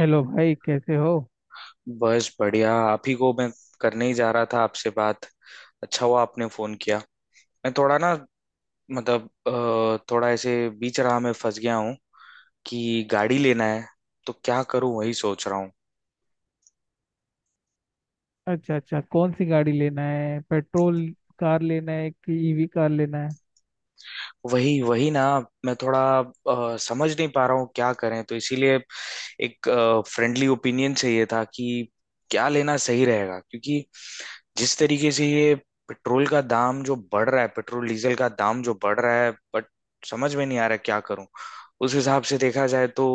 Hello भाई, कैसे हो। बस बढ़िया। आप ही को मैं करने ही जा रहा था आपसे बात। अच्छा हुआ आपने फोन किया। मैं थोड़ा ना थोड़ा ऐसे बीच राह में फंस गया हूँ कि गाड़ी लेना है, तो क्या करूँ वही सोच रहा हूँ। अच्छा अच्छा, कौन सी गाड़ी लेना है? पेट्रोल कार लेना है कि ईवी कार लेना है? वही वही ना, मैं थोड़ा समझ नहीं पा रहा हूँ क्या करें, तो इसीलिए एक फ्रेंडली ओपिनियन चाहिए था कि क्या लेना सही रहेगा, क्योंकि जिस तरीके से ये पेट्रोल का दाम जो बढ़ रहा है, पेट्रोल डीजल का दाम जो बढ़ रहा है, बट समझ में नहीं आ रहा क्या करूं। उस हिसाब से देखा जाए तो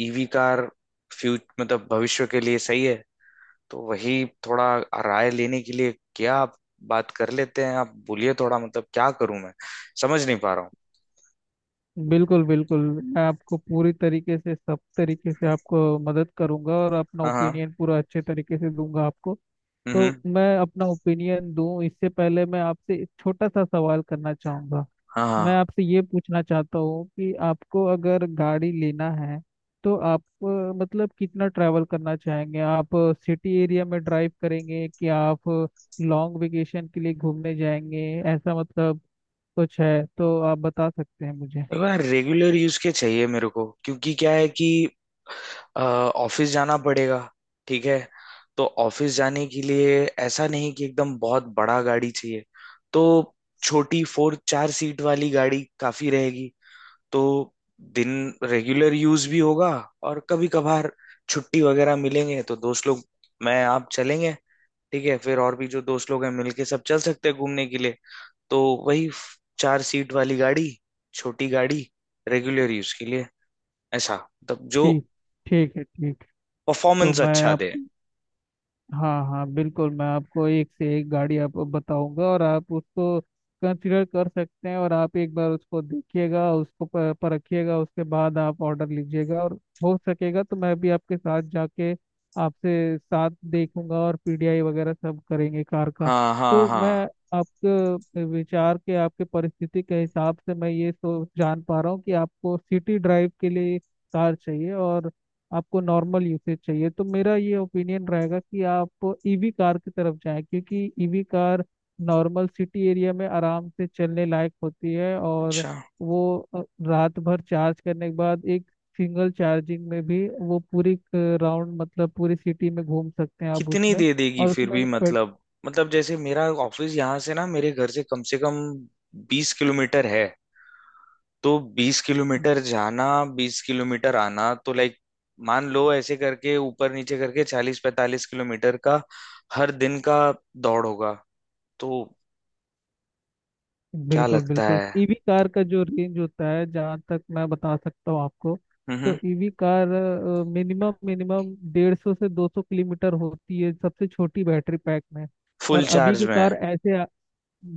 ईवी कार फ्यूच मतलब भविष्य के लिए सही है। तो वही थोड़ा राय लेने के लिए क्या आप बात कर लेते हैं? आप बोलिए, थोड़ा मतलब क्या करूं मैं, समझ नहीं पा रहा हूँ। बिल्कुल बिल्कुल, मैं आपको पूरी तरीके से, सब तरीके से आपको मदद करूंगा, और अपना हाँ हाँ। ओपिनियन पूरा अच्छे तरीके से दूंगा आपको। तो हम्म। मैं अपना ओपिनियन दूं इससे पहले मैं आपसे एक छोटा सा सवाल करना चाहूंगा। हाँ मैं हाँ। आपसे ये पूछना चाहता हूँ कि आपको अगर गाड़ी लेना है तो आप मतलब कितना ट्रैवल करना चाहेंगे आप? सिटी एरिया में ड्राइव करेंगे कि आप लॉन्ग वेकेशन के लिए घूमने जाएंगे? ऐसा मतलब कुछ है तो आप बता सकते हैं मुझे। मेरे को यार रेगुलर यूज के चाहिए मेरे को, क्योंकि क्या है कि ऑफिस जाना पड़ेगा। ठीक है, तो ऑफिस जाने के लिए ऐसा नहीं कि एकदम बहुत बड़ा गाड़ी चाहिए, तो छोटी फोर चार सीट वाली गाड़ी काफी रहेगी। तो दिन रेगुलर यूज भी होगा, और कभी कभार छुट्टी वगैरह मिलेंगे तो दोस्त लोग मैं आप चलेंगे। ठीक है, फिर और भी जो दोस्त लोग हैं मिलके सब चल सकते हैं घूमने के लिए। तो वही चार सीट वाली गाड़ी, छोटी गाड़ी, रेगुलर यूज के लिए, ऐसा मतलब जो ठीक, ठीक है, ठीक। तो परफॉर्मेंस मैं अच्छा दे। आपको, हाँ हाँ बिल्कुल, मैं आपको एक से एक गाड़ी आपको बताऊंगा, और आप उसको कंसिडर कर सकते हैं, और आप एक बार उसको देखिएगा, उसको परखिएगा, उसके बाद आप ऑर्डर लीजिएगा। और हो सकेगा तो मैं भी आपके साथ जाके आपसे साथ देखूंगा, और पीडीआई वगैरह सब करेंगे कार का। हाँ हाँ तो हाँ। मैं आपके विचार के, आपके परिस्थिति के हिसाब से मैं ये सोच जान पा रहा हूँ कि आपको सिटी ड्राइव के लिए कार चाहिए, और आपको नॉर्मल यूसेज चाहिए। तो मेरा ये ओपिनियन रहेगा कि आप ईवी कार की तरफ जाएं, क्योंकि EV car normal city area में आराम से चलने लायक होती है। और अच्छा, वो रात भर चार्ज करने के बाद एक सिंगल चार्जिंग में भी वो पूरी राउंड, मतलब पूरी सिटी में घूम सकते हैं आप कितनी उसमें। दे देगी और फिर भी उसमें पेट, मतलब, जैसे मेरा ऑफिस यहाँ से ना मेरे घर से कम 20 किलोमीटर है, तो 20 किलोमीटर जाना, 20 किलोमीटर आना, तो लाइक मान लो ऐसे करके ऊपर नीचे करके 40-45 किलोमीटर का हर दिन का दौड़ होगा। तो क्या बिल्कुल लगता बिल्कुल, है? ईवी कार का जो रेंज होता है जहाँ तक मैं बता सकता हूँ आपको, हम्म तो हम्म। ईवी कार मिनिमम मिनिमम 150 से 200 किलोमीटर होती है सबसे छोटी बैटरी पैक में। फुल और अभी चार्ज की में? कार ऐसे,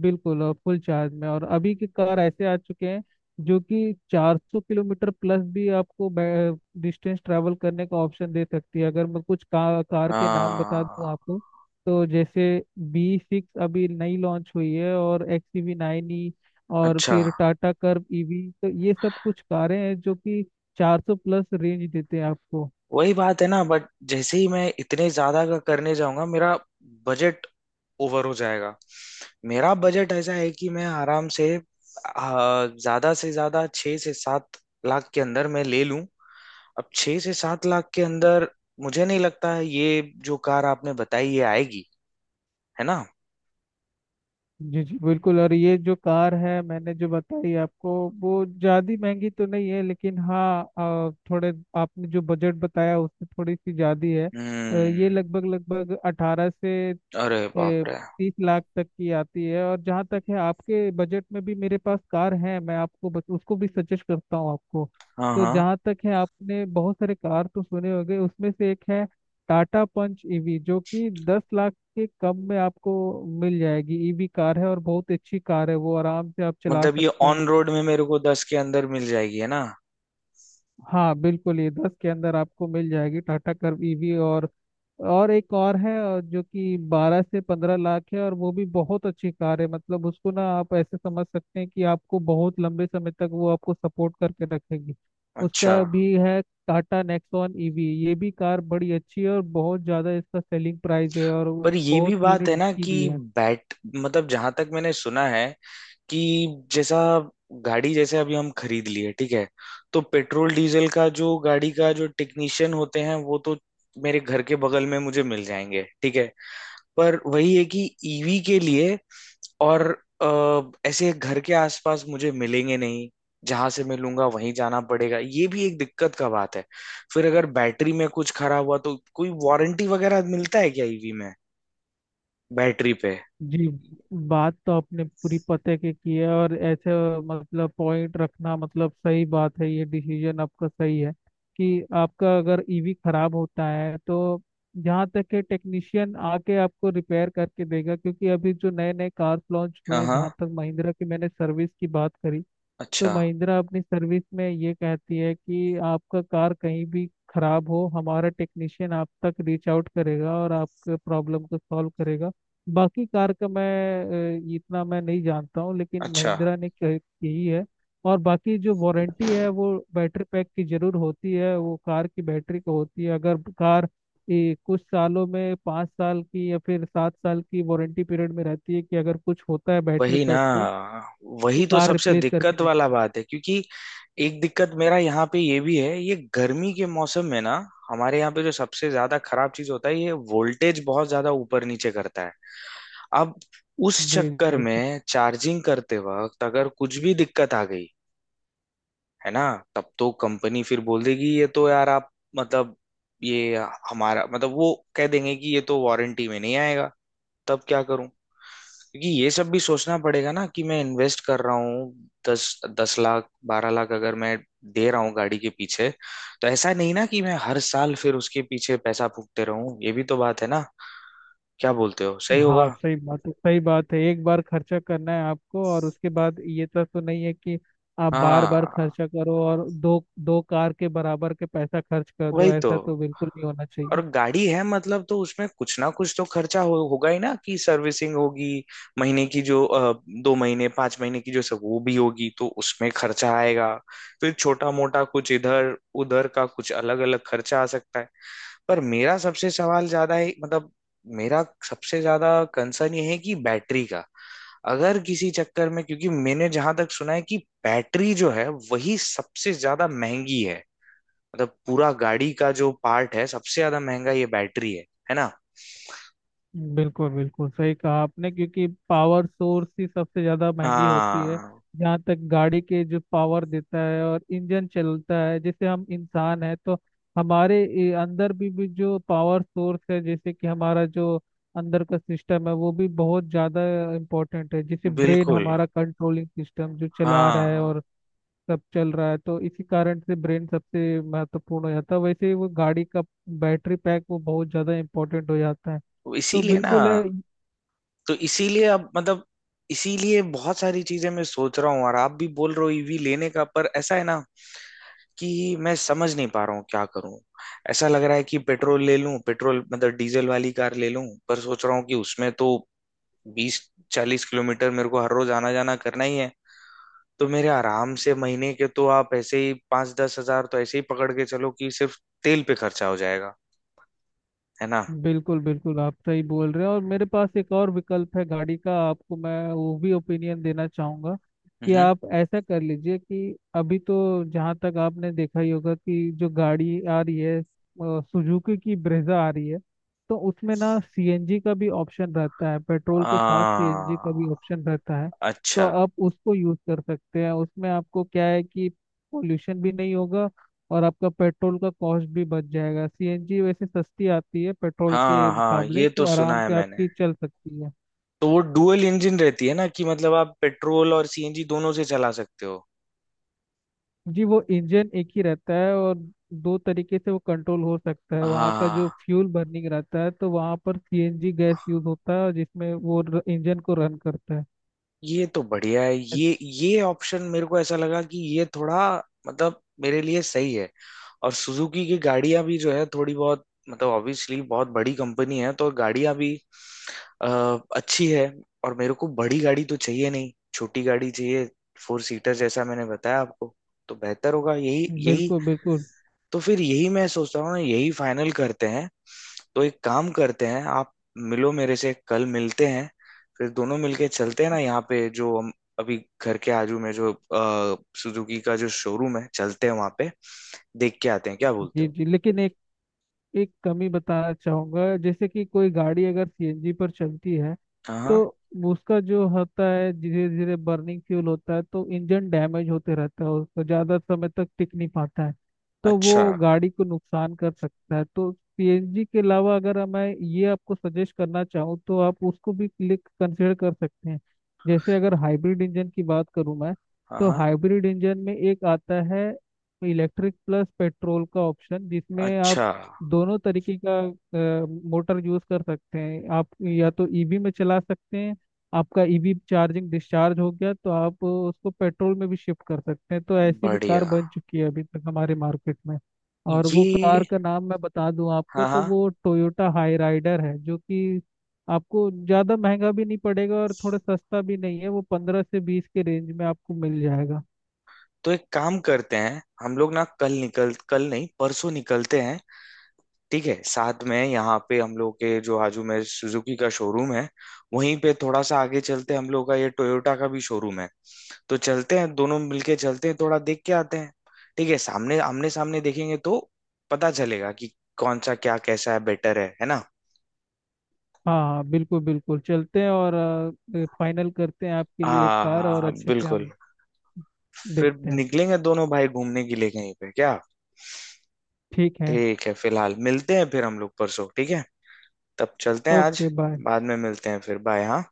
बिल्कुल, और फुल चार्ज में, और अभी के कार ऐसे आ चुके हैं जो कि 400 किलोमीटर प्लस भी आपको डिस्टेंस ट्रैवल करने का ऑप्शन दे सकती है। अगर मैं कार के नाम बता दूं हाँ। आपको, तो जैसे बी सिक्स अभी नई लॉन्च हुई है, और एक्स वी नाइन ई, और अच्छा, फिर टाटा कर्व ईवी, तो ये सब कुछ कारें हैं जो कि 400 प्लस रेंज देते हैं आपको। वही बात है ना, बट जैसे ही मैं इतने ज्यादा का करने जाऊंगा मेरा बजट ओवर हो जाएगा। मेरा बजट ऐसा है कि मैं आराम से ज्यादा से ज्यादा 6 से 7 लाख के अंदर मैं ले लूं। अब 6 से 7 लाख के अंदर मुझे नहीं लगता है ये जो कार आपने बताई ये आएगी, है ना? जी जी बिल्कुल, और ये जो कार है मैंने जो बताई आपको, वो ज़्यादा महंगी तो नहीं है, लेकिन हाँ, थोड़े, आपने जो बजट बताया उससे थोड़ी सी ज़्यादा है। ये हम्म। लगभग लगभग 18 से अरे बाप ए, रे। 30 लाख तक की आती है। और जहाँ तक है आपके बजट में भी मेरे पास कार है, मैं आपको बस उसको भी सजेस्ट करता हूँ आपको। हाँ तो हाँ। जहाँ तक है आपने बहुत सारे कार तो सुने होंगे, उसमें से एक है टाटा पंच ईवी, जो कि 10 लाख के कम में आपको मिल जाएगी। ईवी कार है और बहुत अच्छी कार है, वो आराम से आप चला मतलब ये सकते हैं। ऑन रोड में मेरे को 10 के अंदर मिल जाएगी, है ना? हाँ बिल्कुल, ये 10 के अंदर आपको मिल जाएगी टाटा कर्व ईवी। और एक और है, और जो कि 12 से 15 लाख है, और वो भी बहुत अच्छी कार है। मतलब उसको ना आप ऐसे समझ सकते हैं कि आपको बहुत लंबे समय तक वो आपको सपोर्ट करके रखेगी। अच्छा। उसका भी है टाटा नेक्सॉन ईवी, ये भी कार बड़ी अच्छी है, और बहुत ज़्यादा इसका सेलिंग प्राइस है, और वो पर ये भी बहुत बात यूनिट है ना बिकी कि भी है। बैट मतलब जहां तक मैंने सुना है कि जैसा गाड़ी जैसे अभी हम खरीद लिए, ठीक है, तो पेट्रोल डीजल का जो गाड़ी का जो टेक्नीशियन होते हैं वो तो मेरे घर के बगल में मुझे मिल जाएंगे, ठीक है। पर वही है कि ईवी के लिए और ऐसे घर के आसपास मुझे मिलेंगे नहीं, जहां से मैं लूंगा वहीं जाना पड़ेगा, ये भी एक दिक्कत का बात है। फिर अगर बैटरी में कुछ खराब हुआ तो कोई वारंटी वगैरह मिलता है क्या ईवी में, बैटरी पे? जी, बात तो आपने पूरी पते की है, और ऐसे मतलब पॉइंट रखना, मतलब सही बात है, ये डिसीजन आपका सही है कि आपका अगर ईवी खराब होता है तो जहाँ तक है टेक्नीशियन आके आपको रिपेयर करके देगा। क्योंकि अभी जो नए नए कार्स लॉन्च हुए हाँ हैं, हाँ। जहाँ तक महिंद्रा की मैंने सर्विस की बात करी, तो अच्छा महिंद्रा अपनी सर्विस में ये कहती है कि आपका कार कहीं भी खराब हो, हमारा टेक्नीशियन आप तक रीच आउट करेगा और आपके प्रॉब्लम को सॉल्व करेगा। बाकी कार का मैं इतना मैं नहीं जानता हूँ, लेकिन अच्छा। महिंद्रा ने कही है। और बाकी जो वारंटी है वो बैटरी पैक की जरूर होती है, वो कार की बैटरी को होती है। अगर कार, ये कुछ सालों में 5 साल की या फिर 7 साल की वारंटी पीरियड में रहती है, कि अगर कुछ होता है बैटरी वही ना, पैक को तो वही तो कार सबसे रिप्लेस करके दिक्कत वाला देती है। बात है, क्योंकि एक दिक्कत मेरा यहाँ पे ये भी है, ये गर्मी के मौसम में ना हमारे यहाँ पे जो सबसे ज्यादा खराब चीज होता है, ये वोल्टेज बहुत ज्यादा ऊपर नीचे करता है। अब उस जी जी, चक्कर बिल्कुल। में चार्जिंग करते वक्त अगर कुछ भी दिक्कत आ गई, है ना, तब तो कंपनी फिर बोल देगी ये तो यार आप मतलब ये हमारा मतलब वो कह देंगे कि ये तो वारंटी में नहीं आएगा, तब क्या करूं? क्योंकि ये सब भी सोचना पड़ेगा ना कि मैं इन्वेस्ट कर रहा हूँ दस 10 लाख 12 लाख अगर मैं दे रहा हूँ गाड़ी के पीछे, तो ऐसा नहीं ना कि मैं हर साल फिर उसके पीछे पैसा फूकते रहूं, ये भी तो बात है ना। क्या बोलते हो, सही होगा? हाँ सही बात है, सही बात है, एक बार खर्चा करना है आपको, और उसके बाद ये तो नहीं है कि आप बार बार हाँ, खर्चा करो और दो दो कार के बराबर के पैसा खर्च कर दो, वही तो, ऐसा तो बिल्कुल नहीं होना और चाहिए। गाड़ी है मतलब, तो उसमें कुछ ना कुछ तो खर्चा होगा ही ना कि सर्विसिंग होगी, महीने की जो 2 महीने 5 महीने की जो सब वो भी होगी तो उसमें खर्चा आएगा, फिर छोटा मोटा कुछ इधर उधर का कुछ अलग अलग खर्चा आ सकता है। पर मेरा सबसे सवाल ज्यादा है मतलब, मेरा सबसे ज्यादा कंसर्न ये है कि बैटरी का, अगर किसी चक्कर में, क्योंकि मैंने जहां तक सुना है कि बैटरी जो है वही सबसे ज्यादा महंगी है, मतलब पूरा गाड़ी का जो पार्ट है सबसे ज्यादा महंगा ये बैटरी है ना। बिल्कुल बिल्कुल, सही कहा आपने, क्योंकि पावर सोर्स ही सबसे ज़्यादा महंगी होती है। हाँ जहाँ तक गाड़ी के जो पावर देता है और इंजन चलता है, जैसे हम इंसान है तो हमारे अंदर भी जो पावर सोर्स है, जैसे कि हमारा जो अंदर का सिस्टम है वो भी बहुत ज़्यादा इम्पोर्टेंट है। जैसे ब्रेन बिल्कुल। हमारा कंट्रोलिंग सिस्टम जो चला रहा है हाँ। और सब चल रहा है, तो इसी कारण से ब्रेन सबसे महत्वपूर्ण हो जाता है। वैसे ही वो गाड़ी का बैटरी पैक वो बहुत ज़्यादा इम्पोर्टेंट हो जाता है, तो तो इसीलिए ना, बिल्कुल है। तो इसीलिए अब मतलब इसीलिए बहुत सारी चीजें मैं सोच रहा हूँ और आप भी बोल रहे हो ईवी लेने का, पर ऐसा है ना कि मैं समझ नहीं पा रहा हूँ क्या करूँ। ऐसा लग रहा है कि पेट्रोल ले लूं, पेट्रोल मतलब डीजल वाली कार ले लूं, पर सोच रहा हूँ कि उसमें तो बीस 40 किलोमीटर मेरे को हर रोज आना जाना करना ही है, तो मेरे आराम से महीने के तो आप ऐसे ही 5-10 हजार तो ऐसे ही पकड़ के चलो कि सिर्फ तेल पे खर्चा हो जाएगा, है ना? बिल्कुल बिल्कुल, आप सही बोल रहे हैं। और मेरे पास एक और विकल्प है गाड़ी का आपको, मैं वो भी ओपिनियन देना चाहूँगा कि हम्म। आप ऐसा कर लीजिए कि अभी तो जहाँ तक आपने देखा ही होगा कि जो गाड़ी आ रही है, सुजुकी की ब्रेजा आ रही है, तो उसमें ना सीएनजी का भी ऑप्शन रहता है, पेट्रोल के साथ सीएनजी का भी आ, ऑप्शन रहता है। तो अच्छा। आप उसको यूज़ कर सकते हैं, उसमें आपको क्या है कि पोल्यूशन भी नहीं होगा, और आपका पेट्रोल का कॉस्ट भी बच जाएगा। सीएनजी वैसे सस्ती आती है पेट्रोल के हाँ हाँ, मुकाबले, ये तो तो आराम सुना है से मैंने, आपकी चल सकती है। तो वो डुअल इंजन रहती है ना कि मतलब आप पेट्रोल और सीएनजी दोनों से चला सकते हो। जी, वो इंजन एक ही रहता है, और दो तरीके से वो कंट्रोल हो सकता है। वहाँ का जो हाँ, फ्यूल बर्निंग रहता है, तो वहाँ पर सीएनजी गैस यूज होता है जिसमें वो इंजन को रन करता ये तो बढ़िया है, है। ये ऑप्शन मेरे को ऐसा लगा कि ये थोड़ा मतलब मेरे लिए सही है। और सुजुकी की गाड़ियां भी जो है थोड़ी बहुत मतलब ऑब्वियसली बहुत बड़ी कंपनी है तो गाड़ियां भी अ, अच्छी है। और मेरे को बड़ी गाड़ी तो चाहिए नहीं, छोटी गाड़ी चाहिए, फोर सीटर जैसा मैंने बताया आपको, तो बेहतर होगा यही यही। बिल्कुल बिल्कुल। तो फिर यही मैं सोच रहा हूँ ना, यही फाइनल करते हैं। तो एक काम करते हैं आप मिलो मेरे से, कल मिलते हैं, फिर दोनों मिलके चलते हैं ना, यहाँ पे जो हम अभी घर के आजू में जो सुजुकी का जो शोरूम है चलते हैं वहाँ पे, देख के आते हैं, क्या बोलते जी हो? जी, लेकिन एक कमी बताना चाहूंगा, जैसे कि कोई गाड़ी अगर सीएनजी पर चलती है, हाँ तो हाँ। उसका जो होता है धीरे धीरे बर्निंग फ्यूल होता है, तो इंजन डैमेज होते रहता है, उसको ज़्यादा समय तक टिक नहीं पाता है, तो अच्छा। वो गाड़ी को नुकसान कर सकता है। तो सीएनजी के अलावा अगर मैं ये आपको सजेस्ट करना चाहूँ, तो आप उसको भी क्लिक कंसिडर कर सकते हैं। जैसे अगर हाइब्रिड इंजन की बात करूँ मैं, हाँ तो हाँ। हाइब्रिड इंजन में एक आता है इलेक्ट्रिक प्लस पेट्रोल का ऑप्शन, जिसमें आप अच्छा, दोनों तरीके का मोटर यूज कर सकते हैं। आप या तो ईवी में चला सकते हैं, आपका ईवी चार्जिंग डिस्चार्ज हो गया तो आप उसको पेट्रोल में भी शिफ्ट कर सकते हैं। तो ऐसी भी कार बढ़िया, बन चुकी है अभी तक हमारे मार्केट में, और वो कार ये। का नाम मैं बता दूं आपको, हाँ तो हाँ, वो टोयोटा हाई राइडर है, जो कि आपको ज़्यादा महंगा भी नहीं पड़ेगा, और थोड़ा सस्ता भी नहीं है, वो 15 से 20 के रेंज में आपको मिल जाएगा। तो एक काम करते हैं हम लोग ना, कल नहीं, परसों निकलते हैं, ठीक है, साथ में। यहाँ पे हम लोग के जो हाजू में सुजुकी का शोरूम है, वहीं पे थोड़ा सा आगे चलते हम लोग का ये टोयोटा का भी शोरूम है, तो चलते हैं, दोनों मिलके चलते हैं, थोड़ा देख के आते हैं, ठीक है। सामने आमने सामने देखेंगे तो पता चलेगा कि कौन सा क्या कैसा है, बेटर है ना? हाँ हाँ बिल्कुल बिल्कुल, चलते हैं, और फाइनल करते हैं आपके लिए एक हाँ कार, और हाँ अच्छे से बिल्कुल। हम फिर देखते हैं। निकलेंगे दोनों भाई घूमने के लिए कहीं पे, क्या? ठीक है, ठीक है, फिलहाल मिलते हैं फिर हम लोग परसों, ठीक है, तब चलते हैं आज, ओके, बाय। बाद में मिलते हैं फिर, बाय हाँ।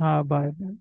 हाँ बाय बाय।